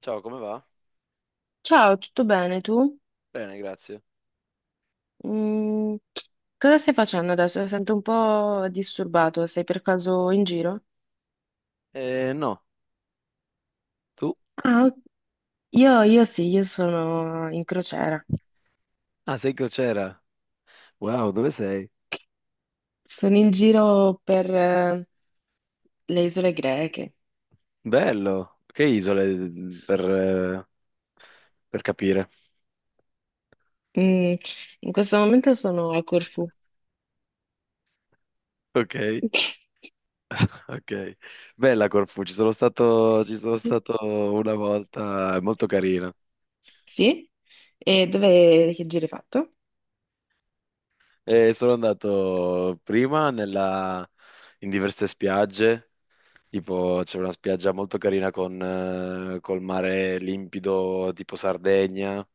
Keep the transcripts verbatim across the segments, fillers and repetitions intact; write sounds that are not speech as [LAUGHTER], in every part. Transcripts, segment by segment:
Ciao, come va? Ciao, tutto bene tu? Bene, grazie. Mm, cosa stai facendo adesso? Sento un po' disturbato, sei per caso in giro? Eh, no, tu? Ah, ok. io, io sì, io sono in crociera. Ah, sei crociera. Wow, dove sei? Sono in giro per eh, le isole greche. Bello. Che isole per, eh, per capire? Mm, in questo momento sono a Corfù. Ok, [LAUGHS] ok. Bella Corfù, ci sono stato, ci sono stato una volta, è molto carina. Sì? E dove, che giro hai fatto? E sono andato prima nella- in diverse spiagge. Tipo c'è una spiaggia molto carina con, eh, col mare limpido, tipo Sardegna,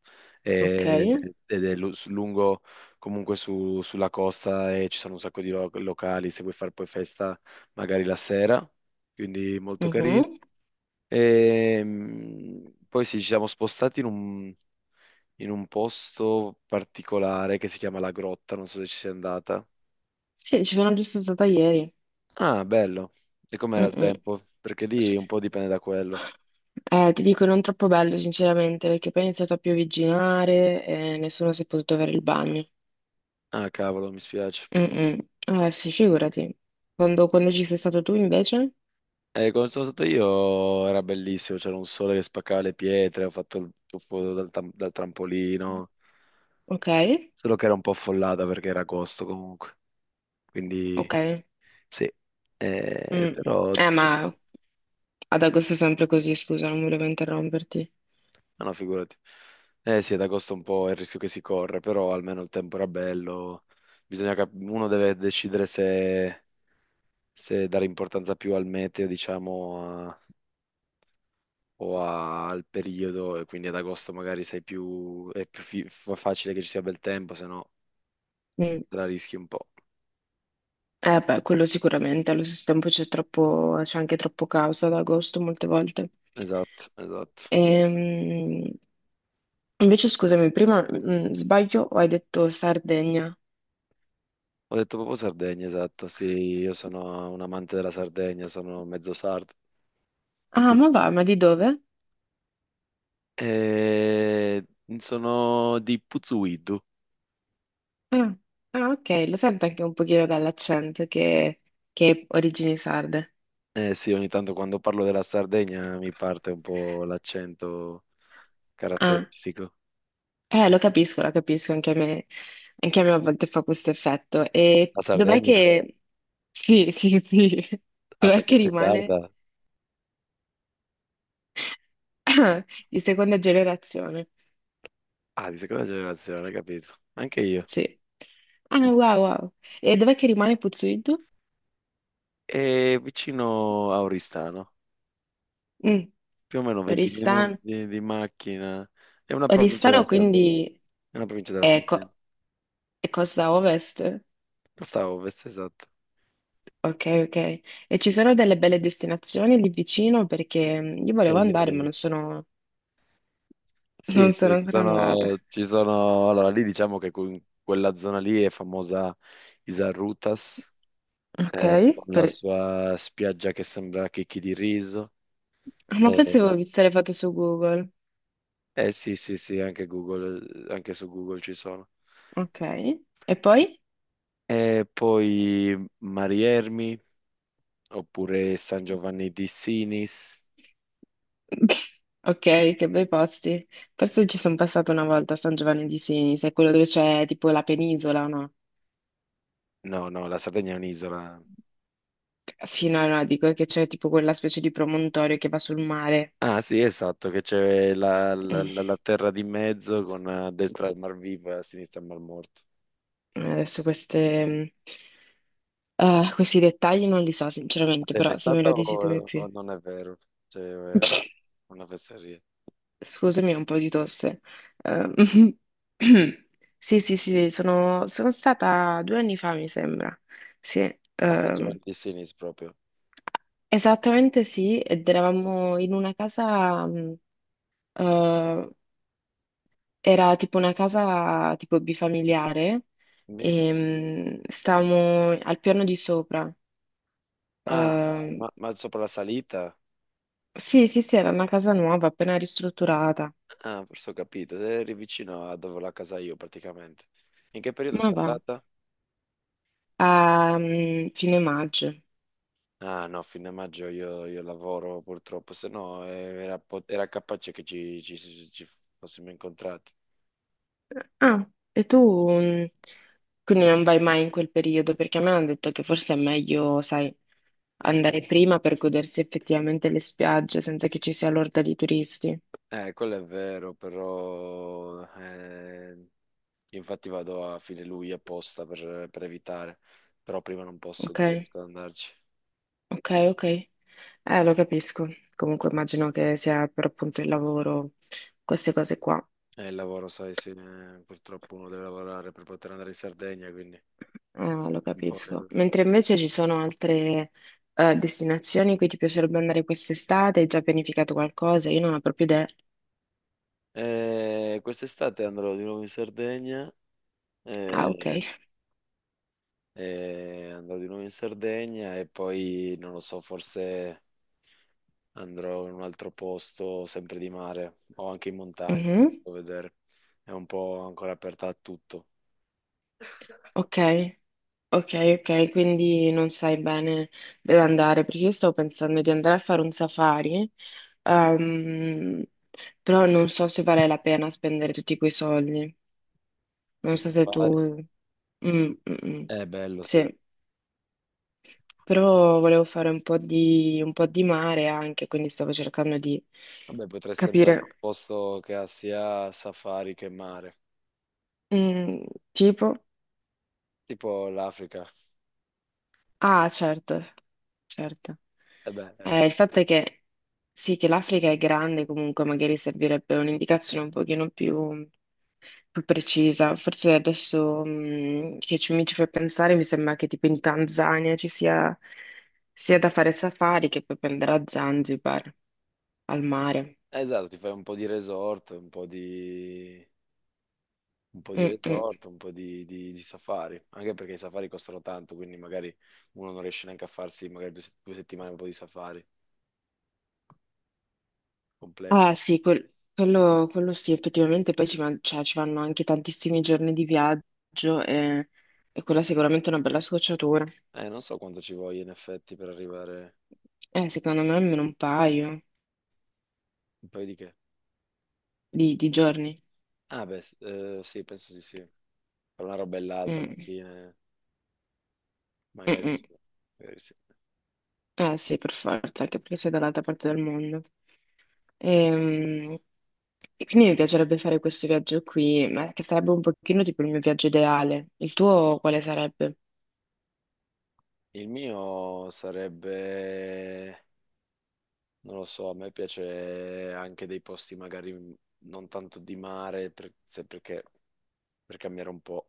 Ok. e- ed è lu- su- lungo comunque su- sulla costa, e ci sono un sacco di lo- locali se vuoi fare poi festa magari la sera, quindi molto carino. Mhm. E, mm, poi sì, ci siamo spostati in un, in un posto particolare che si chiama La Grotta, non so se ci sei andata. Sì, ci sono giusto stata ieri. Ah, bello. E com'era il Mm-mm. tempo? Perché lì un po' dipende da quello. Eh, ti dico, non troppo bello, sinceramente, perché poi è iniziato a piovigginare e nessuno si è potuto avere il bagno. Ah, cavolo, mi spiace. Mm-mm. Eh, sì, figurati. Quando, quando ci sei stato tu, invece? Eh, quando sono stato io era bellissimo, c'era un sole che spaccava le pietre, ho fatto il tuffo dal, tam- dal trampolino, Ok, solo che era un po' affollata perché era agosto comunque, quindi ok. sì. Eh, Mm. però Eh, ci sta. ma ad agosto è sempre così, scusa, non volevo interromperti. No, no, figurati. Eh sì, ad agosto è un po' è il rischio che si corre, però almeno il tempo era bello. Bisogna cap- uno deve decidere se, se dare importanza più al meteo, diciamo, o a- al periodo, e quindi ad agosto magari sei più, è più fi- fa- facile che ci sia bel tempo, se no Mm. te la rischi un po'. Eh, beh, quello sicuramente. Allo stesso tempo c'è troppo, c'è anche troppo caos ad agosto molte volte. Esatto, esatto. Ehm, invece, scusami, prima, mm, sbaglio o hai detto Sardegna? Ho detto proprio Sardegna, esatto. Sì, io sono un amante della Sardegna, sono mezzo sardo. E Ah, qui. ma va, ma di dove? Eh, sono di Puzzuidu. Ah, ah, ok, lo sento anche un pochino dall'accento che, che è origini sarde. Eh sì, ogni tanto quando parlo della Sardegna mi parte un po' l'accento Ah, caratteristico. eh, lo capisco, lo capisco, anche a me, anche a me a volte fa questo effetto. E La dov'è Sardegna? che. [LAUGHS] Sì, sì, sì, [LAUGHS] Ah, dov'è perché che sei rimane sarda? [CLEARS THROAT] di seconda generazione? Ah, di seconda generazione, capito. Anche io. Sì. Ah, wow, wow. E dov'è che rimane Puzzuidu? È vicino a Oristano, Mm, più o meno venti Oristano. minuti di macchina. È una provincia della Oristano Sardegna. quindi. È una provincia della Sardegna. Ecco. E costa a ovest? Costa a ovest, esatto. Ok, ok. E ci sono delle belle destinazioni lì vicino perché mm, io volevo Eglio, andare, ma Eglio. non sono, [LAUGHS] Sì, non sono sì, ci ancora andata. sono, ci sono... Allora, lì diciamo che in quella zona lì è famosa Isarrutas, Ok, eh, con la per- sua spiaggia che sembra chicchi di riso. ah, ma Eh, forse avevo visto le foto su Google. eh, sì, sì, sì, anche Google, anche su Google ci sono. Ok, e poi? E poi Mariermi oppure San Giovanni di Sinis. [LAUGHS] Ok, che bei posti. Forse ci sono passata una volta a San Giovanni di Sinis, è quello dove c'è tipo la penisola, no? No, no, la Sardegna è un'isola. Sì, no, no, dico che c'è tipo quella specie di promontorio che va sul mare. Ah, sì, esatto, che c'è la, la- Mm, la- la terra di mezzo con eh, a destra il Mar Vivo e a sinistra il Mar Morto. Adesso queste. mm, Eh, questi dettagli non li so sinceramente, Sei mai però se me stata lo dici tu mi o, o più. non è vero? C'è eh, [LAUGHS] una fesseria. Scusami, ho un po' di tosse. Ehm, [CLEARS THROAT] Sì, sì, sì, sono, sono stata due anni fa, mi sembra. Sì, A San ehm, Giovanni di Sinis proprio. esattamente sì, ed eravamo in una casa, mh, eh, era tipo una casa tipo bifamiliare, Mi- e, mh, stavamo al piano di sopra. Ah, Ehm, ma, ma sopra la salita? sì, sì, sì, era una casa nuova, appena ristrutturata. Ah, forse ho capito. Eri vicino a dove ho la casa io praticamente. In che periodo Ma sei va, andata? a mm, fine maggio. Ah no, fino a maggio io, io lavoro purtroppo, se no eh, era, po- era capace che ci, ci- ci fossimo incontrati. Ah, e tu mm, quindi non vai mai in quel periodo? Perché a me hanno detto che forse è meglio, sai, andare prima per godersi effettivamente le spiagge senza che ci sia l'orda di turisti. Eh, quello è vero, però eh, infatti vado a fine luglio apposta per, per evitare, però prima non posso, Ok, non riesco ad andarci. ok, ok. Eh, lo capisco. Comunque immagino che sia per appunto il lavoro, queste cose qua. E il lavoro, sai, sì, eh, purtroppo uno deve lavorare per poter andare in Sardegna, quindi è Eh, lo un po' capisco. il- Mentre invece ci sono altre eh, destinazioni in cui ti piacerebbe andare quest'estate, hai già pianificato qualcosa? Io non ho proprio idea. Eh, Eh, quest'estate andrò di nuovo in Sardegna. Ah, ok. eh, e andrò di nuovo in Sardegna e poi, non lo so, forse andrò in un altro posto, sempre di mare o anche in montagna, Mhm. a vedere. È un po' ancora aperta a tutto. Ok, ok, ok, quindi non sai bene dove andare, perché io stavo pensando di andare a fare un safari, ehm, però non so se vale la pena spendere tutti quei soldi. Non Un so se tu. safari? Mm, mm, mm. È bello, sì. Sì, però volevo fare un po' di, un po' di mare anche, quindi stavo cercando di Vabbè, potresti andare in capire. un posto che ha sia safari che mare, Mm, tipo? tipo l'Africa. Ah, certo, certo. E beh, eh, Eh, il fatto è che sì, che l'Africa è grande, comunque magari servirebbe un'indicazione un pochino più, più precisa. Forse adesso mh, che ci- mi ci fai pensare, mi sembra che tipo in Tanzania ci sia sia da fare safari che poi prendere a Zanzibar, al mare. esatto, ti fai un po' di resort, un po' di un po' di Mm, mm. resort, un po' di, di- di safari, anche perché i safari costano tanto, quindi magari uno non riesce neanche a farsi magari due, se- due settimane un po' di safari completo. Ah sì, quel- quello, quello sì, effettivamente poi ci, van- cioè, ci vanno anche tantissimi giorni di viaggio e, e quella sicuramente è sicuramente una bella scocciatura. Eh, non so quanto ci voglia in effetti per arrivare Eh, secondo me almeno un paio un paio di che. di, di giorni. Ah, beh, s- eh, sì, penso sì, sì. Tra una roba e l'altra alla Mm, fine, mm, magari mm. sì, magari sì. Eh sì, per forza, anche perché sei dall'altra parte del mondo. Ehm, E, quindi mi piacerebbe fare questo viaggio qui, ma che sarebbe un pochino tipo il mio viaggio ideale. Il tuo quale sarebbe? Il mio sarebbe, non lo so, a me piace anche dei posti magari non tanto di mare, per- se- perché per cambiare un po'.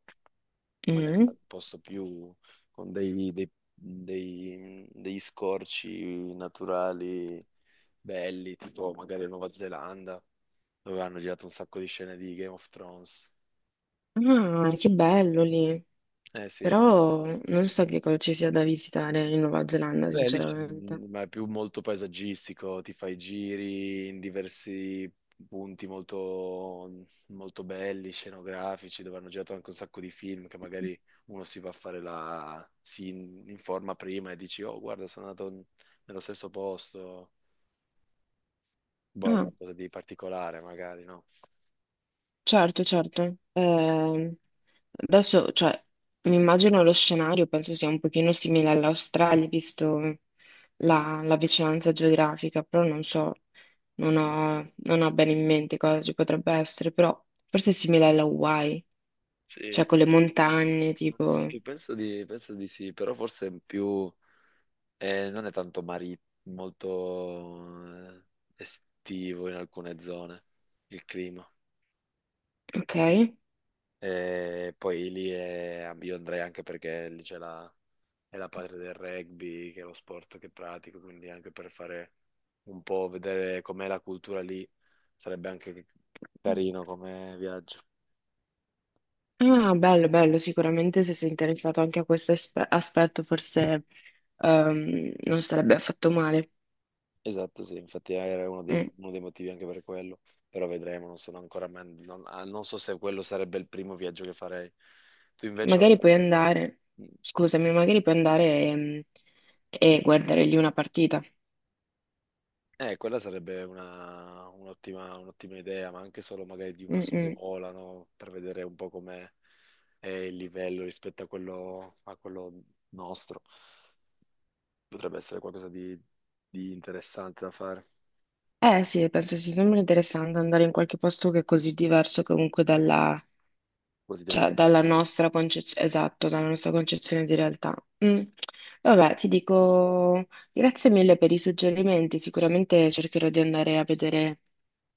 Magari per Mm? un posto più con dei, dei- dei- degli scorci naturali belli, tipo magari la Nuova Zelanda, dove hanno girato un sacco di scene di Game of Thrones. Ah, che bello lì. Eh sì. Però non so che cosa ci sia da visitare in Nuova Zelanda, Beh, lì c'è- sinceramente. ma è più molto paesaggistico, ti fai giri in diversi punti molto, molto belli, scenografici, dove hanno girato anche un sacco di film che magari uno si va a fare la... si in- informa prima e dici, oh, guarda, sono andato in- nello stesso posto, boh, è Ah. qualcosa di particolare magari, no? Certo, certo. Ehm, adesso, cioè, mi immagino lo scenario, penso sia un pochino simile all'Australia, visto la, la vicinanza geografica, però non so, non ho, non ho bene in mente cosa ci potrebbe essere, però forse è simile alla Hawaii, Sì. cioè con le montagne, tipo, Sì, penso di, penso di sì, però forse più... Eh, non è tanto mari- molto eh, estivo in alcune zone il clima. ok? E poi lì è- io andrei anche perché lì c'è la, è la patria del rugby, che è lo sport che pratico, quindi anche per fare un po', vedere com'è la cultura lì, sarebbe anche carino come viaggio. Ah, bello, bello, sicuramente se sei interessato anche a questo aspe- aspetto, forse ehm, non sarebbe affatto male. Esatto, sì, infatti era uno dei, Mm. uno dei motivi anche per quello, però vedremo, non sono ancora, man- non, ah, non so se quello sarebbe il primo viaggio che farei. Tu invece... Magari puoi andare, scusami, magari puoi andare ehm, e, guardare lì una partita. Eh, quella sarebbe una- un'ottima un'ottima idea, ma anche solo magari di una Mm, mm. scuola, no? Per vedere un po' com'è è il livello rispetto a quello, a quello nostro. Potrebbe essere qualcosa di, di interessante da fare, Eh sì, penso sia sempre interessante andare in qualche posto che è così diverso comunque dalla, così te ne cioè, dalla pensi. nostra concezione, esatto, dalla nostra concezione di realtà. Mm. Vabbè, ti dico grazie mille per i suggerimenti, sicuramente cercherò di andare a vedere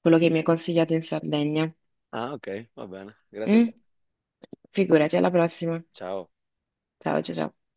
quello che mi hai consigliato in Sardegna. Ah, ok, va bene. Grazie a Mm? te. Figurati, alla prossima. Ciao. Ciao, ciao, ciao.